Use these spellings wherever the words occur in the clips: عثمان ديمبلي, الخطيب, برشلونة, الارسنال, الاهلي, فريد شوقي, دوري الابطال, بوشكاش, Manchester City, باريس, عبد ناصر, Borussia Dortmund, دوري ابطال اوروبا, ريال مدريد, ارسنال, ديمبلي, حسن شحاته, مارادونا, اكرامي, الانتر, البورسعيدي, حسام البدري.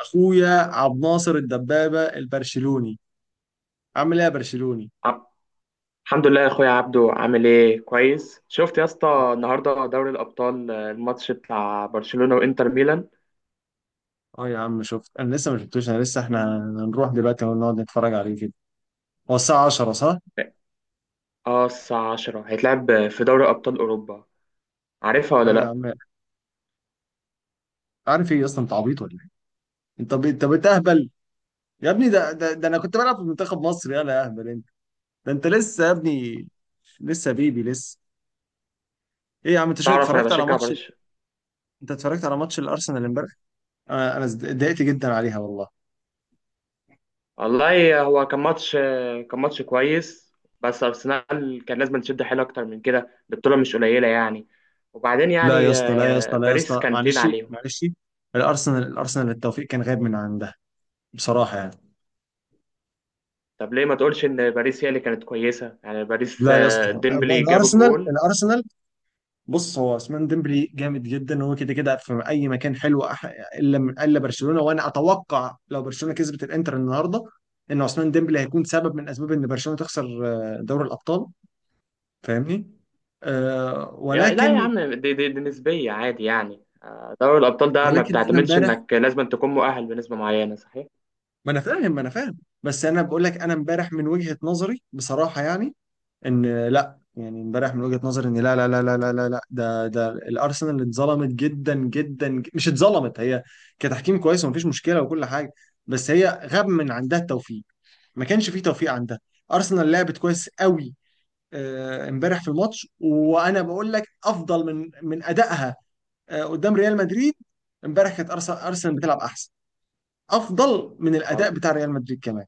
اخويا عبد ناصر الدبابه البرشلوني، عامل ايه يا برشلوني؟ ع- الحمد لله يا اخويا عبدو، عامل ايه؟ كويس. شفت يا اسطى النهارده دوري الابطال، الماتش بتاع برشلونة وانتر ميلان. اه يا عم، شفت. انا لسه ما شفتوش. انا لسه احنا هنروح دلوقتي ونقعد نتفرج عليه كده. هو الساعه 10 صح؟ اه، الساعة 10 هيتلعب في دوري ابطال اوروبا. عارفها ولا ايوه يا لا؟ عم. عارف ايه اصلا، انت عبيط ولا ايه؟ انت بتهبل. يا ابني ده انا كنت بلعب في منتخب مصر. يلا يا اهبل انت. ده انت لسه يا ابني، لسه بيبي لسه. ايه يا عم، انت شو تعرف انا اتفرجت على بشجع ماتش؟ برشلونة. انت اتفرجت على ماتش الارسنال امبارح؟ انا اتضايقت جدا عليها والله. والله هو كان ماتش، كان ماتش كويس، بس ارسنال كان لازم تشد حيل اكتر من كده، البطولة مش قليلة يعني. وبعدين لا يا يعني اسطى، لا يا اسطى، لا يا باريس اسطى، كان تقيل معلش عليهم. معلش. الارسنال الارسنال التوفيق كان غايب من عندها، بصراحه يعني. طب ليه ما تقولش ان باريس هي اللي كانت كويسة؟ يعني باريس لا يا اسطى، ديمبلي جاب الارسنال الجول. الارسنال، بص هو عثمان ديمبلي جامد جدا، وهو كده كده في اي مكان حلو، الا الا برشلونه. وانا اتوقع لو برشلونه كسبت الانتر النهارده، ان عثمان ديمبلي هيكون سبب من اسباب ان برشلونه تخسر دوري الابطال. فاهمني؟ يا لا يا ولكن، عم، دي نسبية عادي يعني. دوري الأبطال ده ما ولكن انا بتعتمدش امبارح، إنك لازم تكون مؤهل بنسبة معينة، صحيح؟ ما انا فاهم، بس انا بقول لك، انا امبارح من وجهة نظري بصراحة يعني، ان لا يعني امبارح من وجهة نظري، ان لا لا لا لا لا لا لا، ده الارسنال اتظلمت جدا جدا، مش اتظلمت هي، كتحكيم كويس، ومفيش مشكلة وكل حاجة، بس هي غاب من عندها التوفيق، ما كانش فيه توفيق عندها. ارسنال لعبت كويس قوي امبارح في الماتش، وانا بقول لك افضل من ادائها قدام ريال مدريد. امبارح كانت ارسنال بتلعب احسن، افضل من الاداء وال- بتاع ريال مدريد كمان.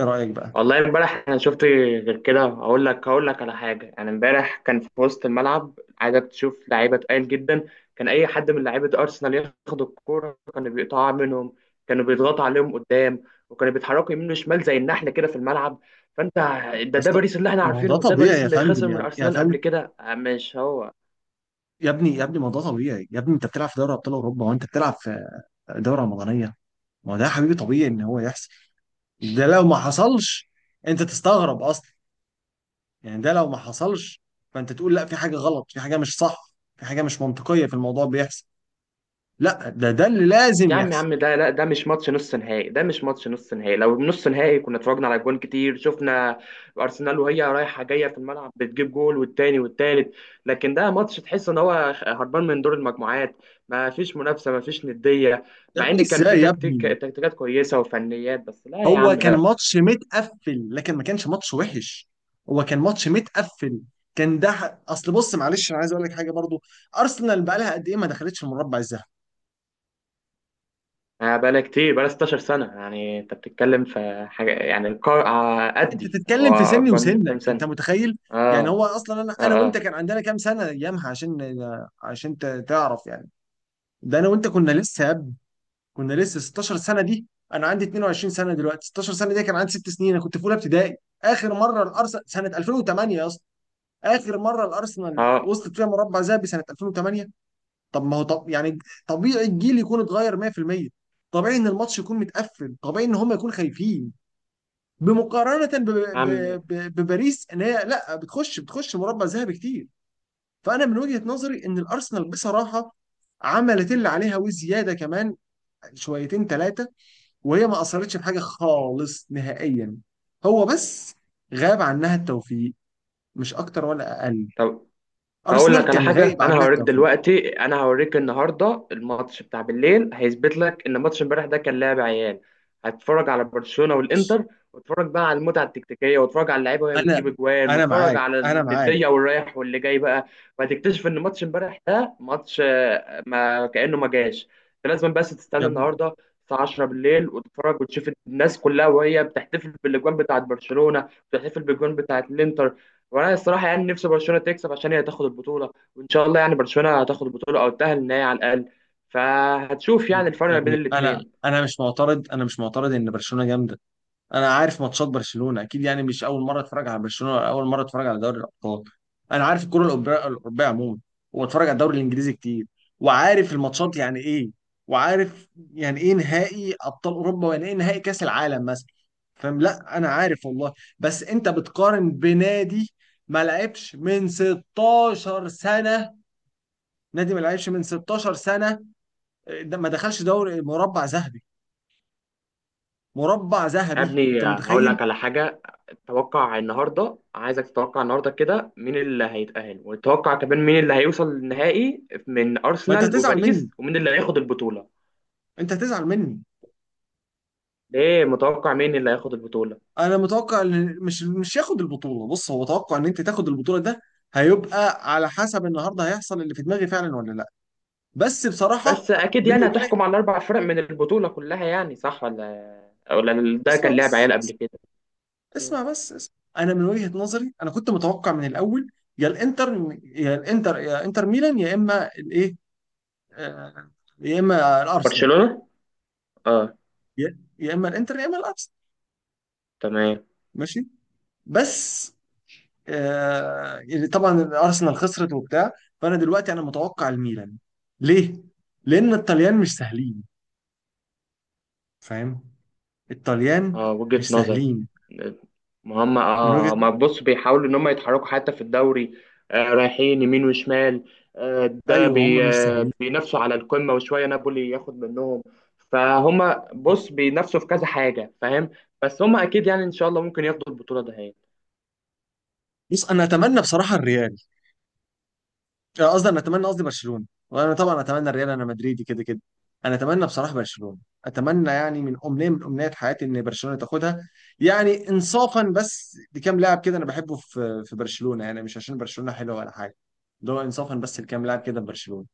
ايه رايك بقى؟ والله امبارح أنا شفت غير كده. هقول لك، هقول لك على حاجة يعني. امبارح كان في وسط الملعب، عايزك تشوف لعيبة تقال جدا. كان أي حد من لعيبة أرسنال ياخد الكورة كانوا بيقطعوا منهم، كانوا بيضغطوا عليهم قدام، وكانوا بيتحركوا يمين وشمال زي النحلة كده في الملعب. فأنت، يا ده اسطى، باريس اللي احنا ما هو ده عارفينه، ده طبيعي باريس يا اللي خسر فندم، من يا أرسنال فندم. قبل كده، مش هو؟ يا ابني يا ابني، ما ده طبيعي يا ابني، انت بتلعب في دوري ابطال اوروبا، وانت بتلعب في دوره رمضانيه. ما ده يا حبيبي طبيعي ان هو يحصل. ده لو ما حصلش انت تستغرب اصلا. يعني ده لو ما حصلش فانت تقول لا، في حاجه غلط، في حاجه مش صح، في حاجه مش منطقيه في الموضوع بيحصل. لا، ده اللي لازم يا عم يا يحصل. عم، ده لا، ده مش ماتش نص نهائي، ده مش ماتش نص نهائي. لو نص نهائي كنا اتفرجنا على جوان كتير، شفنا ارسنال وهي رايحه جايه في الملعب بتجيب جول والتاني والتالت. لكن ده ماتش تحس ان هو هربان من دور المجموعات. ما فيش منافسه، ما فيش نديه. يا مع ابني ان كان في ازاي يا تكتيك، ابني؟ تكتيكات كويسه وفنيات، بس لا يا هو عم كان لا. ماتش متقفل، لكن ما كانش ماتش وحش. هو كان ماتش متقفل. كان ده اصل بص معلش، انا عايز اقول لك حاجه برضو. ارسنال بقى لها قد ايه ما دخلتش المربع الذهبي؟ بقالها كتير، بقالها 16 سنه يعني. انت بتتكلم في حاجه، يعني القار آه، انت قدي تتكلم هو في سني اكبر مني بكام وسنك، انت سنه. متخيل؟ يعني اه. هو اصلا، انا اه. وانت اه. كان عندنا كام سنه ايامها، عشان تعرف يعني. ده انا وانت كنا لسه يا ابني، كنا لسه 16 سنه دي. انا عندي 22 سنه دلوقتي، 16 سنه دي كان عندي 6 سنين، انا كنت في اولى ابتدائي. اخر مره الارسنال سنه 2008 يا اسطى، اخر مره الارسنال اه. وصلت فيها مربع ذهبي سنه 2008. طب ما هو، طب يعني، طبيعي الجيل يكون اتغير 100%، طبيعي ان الماتش يكون متقفل، طبيعي ان هم يكونوا خايفين بمقارنة يا عم، بباريس، ان هي لا، بتخش مربع ذهبي كتير. فانا من وجهة نظري ان الارسنال بصراحة عملت اللي عليها وزيادة كمان، شويتين ثلاثة، وهي ما اثرتش بحاجة خالص نهائيا. هو بس غاب عنها التوفيق، مش اكتر ولا اقل. طب هقول لك ارسنال على كان حاجة، غايب أنا عنها هوريك التوفيق. دلوقتي، أنا هوريك النهاردة الماتش بتاع بالليل هيثبت لك إن ماتش امبارح ده كان لعب عيال. هتتفرج على برشلونة والإنتر، واتفرج بقى على المتعة التكتيكية، واتفرج على اللعيبة وهي بتجيب انا أجوان، انا واتفرج معاك، على انا معاك. الندية والرايح واللي جاي بقى، وهتكتشف إن ماتش امبارح ده ماتش ما كأنه ما جاش. أنت لازم بس يا تستنى ابني النهاردة الساعة 10 بالليل وتتفرج وتشوف الناس كلها وهي بتحتفل بالأجوان بتاعت برشلونة، بتحتفل بالأجوان بتاعت الإنتر. وانا الصراحه يعني نفسي برشلونه تكسب عشان هي تاخد البطوله، وان شاء الله يعني برشلونه هتاخد البطوله او تاهل النهائي على الاقل. فهتشوف يعني الفرق يا ما بين ابني، انا الاثنين. انا مش معترض، انا مش معترض ان برشلونة جامدة. انا عارف ماتشات برشلونه اكيد يعني، مش اول مره اتفرج على برشلونه، ولا اول مره اتفرج على دوري الابطال. انا عارف الكره الاوروبيه عموما، واتفرج على الدوري الانجليزي كتير، وعارف الماتشات يعني ايه، وعارف يعني ايه نهائي ابطال اوروبا، ويعني ايه نهائي كاس العالم مثلا. فاهم؟ لا، انا عارف والله. بس انت بتقارن بنادي ما لعبش من 16 سنه، نادي ما لعبش من 16 سنه، ده ما دخلش دوري مربع ذهبي. مربع يا ذهبي، انت ابني، هقول متخيل؟ لك على حاجه. توقع النهارده، عايزك تتوقع النهارده كده مين اللي هيتاهل، وتتوقع كمان مين اللي هيوصل للنهائي من ما انت ارسنال هتزعل مني، وباريس، ومين اللي هياخد البطوله. انت هتزعل مني. ليه متوقع مين اللي هياخد البطوله؟ انا متوقع ان مش ياخد البطوله. بص هو توقع ان انت تاخد البطوله ده، هيبقى على حسب النهارده هيحصل اللي في دماغي فعلا ولا لا، بس بصراحه، بس اكيد بيني يعني وبينك، هتحكم على الاربع فرق من البطوله كلها يعني، صح ولا؟ ولا ده اسمع كان لعب بس، عيال قبل كده؟ مم. اسمع بس، اسمع. انا من وجهه نظري، انا كنت متوقع من الاول يا الانتر، يا الانتر، يا انتر ميلان، يا اما الايه، آه، يا اما الارسنال، برشلونه. اه. يا اما الانتر، يا اما الارسنال. تمام. ماشي، بس اللي طبعا الارسنال خسرت وبتاع، فانا دلوقتي انا متوقع الميلان. ليه؟ لان الطليان مش سهلين. فاهم؟ الطليان اه، وجهة مش نظر. سهلين. ما هم، من وجهة، اه. ما بص، بيحاولوا ان هم يتحركوا حتى في الدوري، رايحين يمين وشمال، آه ده ايوه هم بي مش آه سهلين، بينافسوا على القمة، وشوية نابولي ياخد منهم. فهم بالظبط. بص بينافسوا في كذا حاجة، فاهم؟ بس هم اكيد يعني ان شاء الله ممكن ياخدوا البطولة ده هي. بص، انا اتمنى بصراحة الريال، أنا قصدي انا اتمنى قصدي برشلونه. وانا طبعا اتمنى الريال، انا مدريدي كده كده. انا اتمنى بصراحه برشلونه، اتمنى يعني من امنيه، من امنيات حياتي ان برشلونه تاخدها، يعني انصافا بس لكام لاعب كده انا بحبه في برشلونه، يعني مش عشان برشلونه حلوه ولا حاجه، ده هو انصافا بس لكام لاعب كده في برشلونه.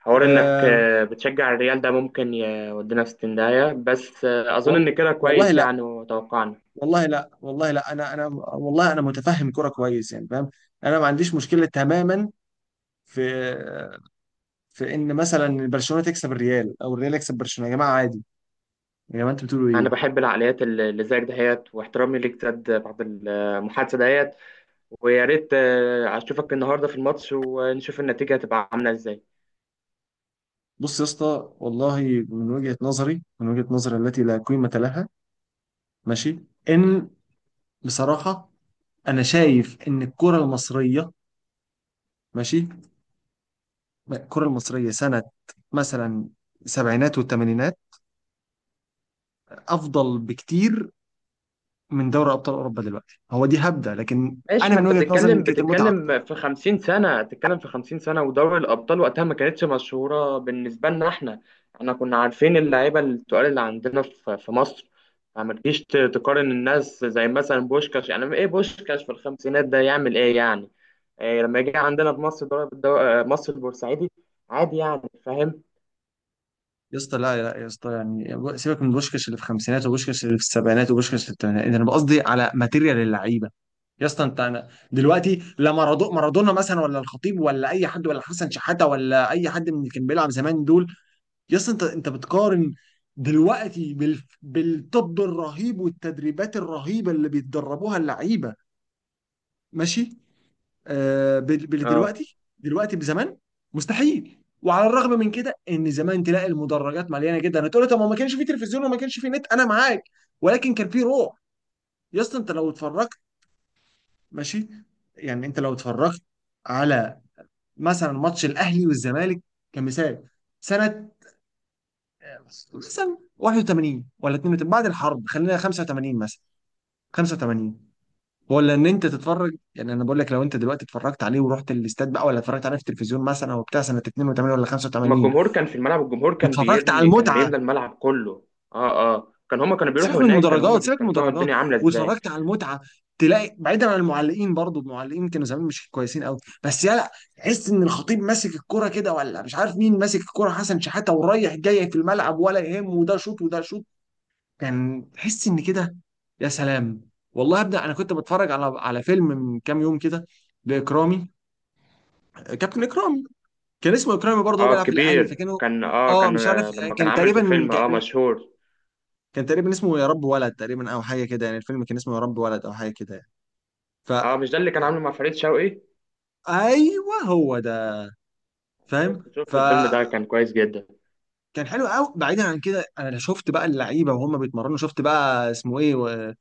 حوار انك أم بتشجع الريال ده ممكن يودينا في 60 داهية، بس اظن وال ان كده والله كويس لا، يعني، وتوقعنا. والله لا، والله لا. انا والله، انا متفهم كرة كويس يعني، فاهم. انا ما عنديش مشكله تماما في في ان مثلا برشلونه تكسب الريال او الريال يكسب برشلونه، يا جماعه عادي، يا جماعه انتوا بتقولوا انا ايه؟ بحب العقليات اللي زيك دهيت، واحترامي ليك زاد بعد المحادثة دهيت. ويا ريت اشوفك النهارده في الماتش ونشوف النتيجه هتبقى عامله ازاي. بص يا اسطى، والله من وجهه نظري، التي لا قيمه لها، ماشي، ان، بصراحه، انا شايف ان الكره المصريه، ماشي، الكره المصريه سنه مثلا السبعينات والثمانينات افضل بكتير من دوري ابطال اوروبا دلوقتي، هو دي هبده، لكن ماشي. انا ما من انت وجهه نظري ان بتتكلم كانت المتعه اكتر. بتتكلم في 50 سنه، بتتكلم في 50 سنه. ودوري الابطال وقتها ما كانتش مشهوره بالنسبه لنا احنا. احنا كنا عارفين اللعيبه التقال اللي عندنا في في مصر. فما تجيش تقارن الناس زي مثلا بوشكاش. يعني ايه بوشكاش في الخمسينات ده يعمل ايه يعني؟ إيه لما يجي عندنا في مصر، ضرب الدو... آه، مصر البورسعيدي عادي يعني، فاهم؟ يا اسطى لا، لا يا اسطى، يعني سيبك من بوشكاش اللي في الخمسينات وبوشكاش اللي في السبعينات وبوشكاش اللي في الثمانينات، انا بقصدي على ماتيريال اللعيبه. يا اسطى انت، انا دلوقتي لا مارادونا مثلا، ولا الخطيب، ولا اي حد، ولا حسن شحاته، ولا اي حد من اللي كان بيلعب زمان دول. يا اسطى انت، بتقارن دلوقتي بالطب الرهيب والتدريبات الرهيبه اللي بيتدربوها اللعيبه، ماشي، باللي اه. دلوقتي، بزمان مستحيل. وعلى الرغم من كده، ان زمان تلاقي المدرجات مليانه جدا، هتقول لي طب، ما كانش في تلفزيون وما كانش في نت، انا معاك، ولكن كان في روح. يا اسطى انت لو اتفرجت، ماشي، يعني انت لو اتفرجت على مثلا ماتش الاهلي والزمالك، كمثال سنه مثلا 81 ولا 82 بعد الحرب، خلينا 85 مثلا، 85، ولا ان انت تتفرج، يعني انا بقول لك لو انت دلوقتي اتفرجت عليه ورحت الاستاد بقى، ولا اتفرجت عليه في التلفزيون مثلا، او بتاع سنه 82 ولا ما 85، الجمهور كان في الملعب، الجمهور كان واتفرجت على بيبني، كان المتعه، بيملى الملعب كله. اه. اه. كان هما كانوا سيبك بيروحوا من هناك، كانوا هما المدرجات، سيبك من بيستمتعوا، المدرجات، الدنيا عاملة ازاي. واتفرجت على المتعه، تلاقي، بعيدا عن المعلقين برضو، المعلقين كانوا زمان مش كويسين قوي، بس يلا تحس ان الخطيب ماسك الكرة كده، ولا مش عارف مين ماسك الكرة، حسن شحاته ورايح جاي في الملعب ولا يهمه، وده شوط وده شوط، كان تحس ان كده. يا سلام والله يا ابني، انا كنت بتفرج على فيلم من كام يوم كده، لاكرامي، كابتن اكرامي، كان اسمه اكرامي برضه، هو اه. بيلعب في الاهلي، كبير فكانوا، كان، اه. اه مش كان عارف، آه، لما كان كان عامل في تقريبا فيلم اه كان، مشهور. كان تقريبا اسمه يا رب ولد تقريبا، او حاجه كده يعني، الفيلم كان اسمه يا رب ولد او حاجه كده يعني. ف اه، مش ده اللي كان عامله مع فريد شوقي؟ ايوه هو ده، شفت فاهم، شفت الفيلم ده، فكان كان كويس جدا. حلو قوي. بعيدا عن كده، انا شفت بقى اللعيبه وهم بيتمرنوا، شفت بقى اسمه ايه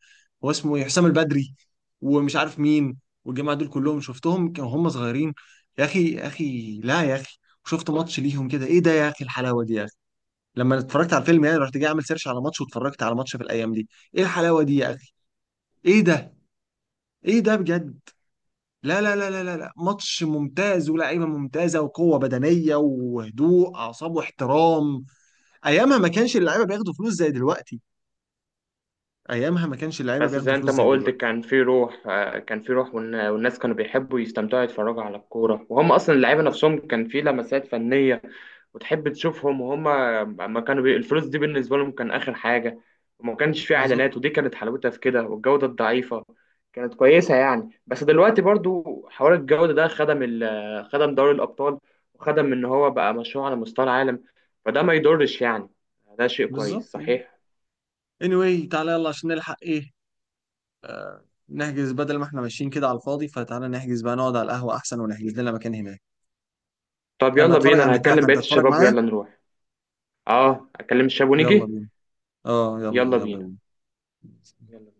هو اسمه ايه، حسام البدري ومش عارف مين، والجماعه دول كلهم شفتهم كانوا هم صغيرين. يا اخي يا اخي لا يا اخي، شفت ماتش ليهم كده، ايه ده يا اخي، الحلاوه دي يا، لما اتفرجت على الفيلم يعني، رحت جاي اعمل سيرش على ماتش، واتفرجت على ماتش في الايام دي، ايه الحلاوه دي يا اخي، ايه ده، ايه ده بجد، لا لا لا لا لا لا، ماتش ممتاز ولاعيبه ممتازه وقوه بدنيه وهدوء اعصاب واحترام. ايامها ما كانش اللعيبه بياخدوا فلوس زي دلوقتي، ايامها ما كانش اللعيبه بس بياخدوا زي انت فلوس ما زي قلت دلوقتي. كان في روح، كان في روح. والناس كانوا بيحبوا يستمتعوا، يتفرجوا على الكورة. وهم اصلا اللعيبة نفسهم كان في لمسات فنية وتحب تشوفهم، وهم ما الفلوس دي بالنسبة لهم كان آخر حاجة. وما كانش فيه بالظبط، إعلانات، ودي كانت حلاوتها في كده. والجودة الضعيفة كانت كويسة يعني. بس دلوقتي برضو حوار الجودة ده خدم خدم دوري الأبطال، وخدم إن هو بقى مشروع على مستوى العالم. فده ما يضرش يعني. ده شيء بالظبط. كويس، صحيح. anyway تعالى يلا عشان نلحق ايه، نحجز بدل ما احنا ماشيين كده على الفاضي، فتعالى نحجز بقى، نقعد على القهوه احسن ونحجز لنا مكان هناك. طب انا يلا هتفرج بينا، أنا عند تاح، هكلم انت بقية هتتفرج الشباب معايا. ويلا نروح. اه، اكلم الشاب يلا ونيجي. بينا، اه يلا يلا يلا بينا. بينا. يلا بينا.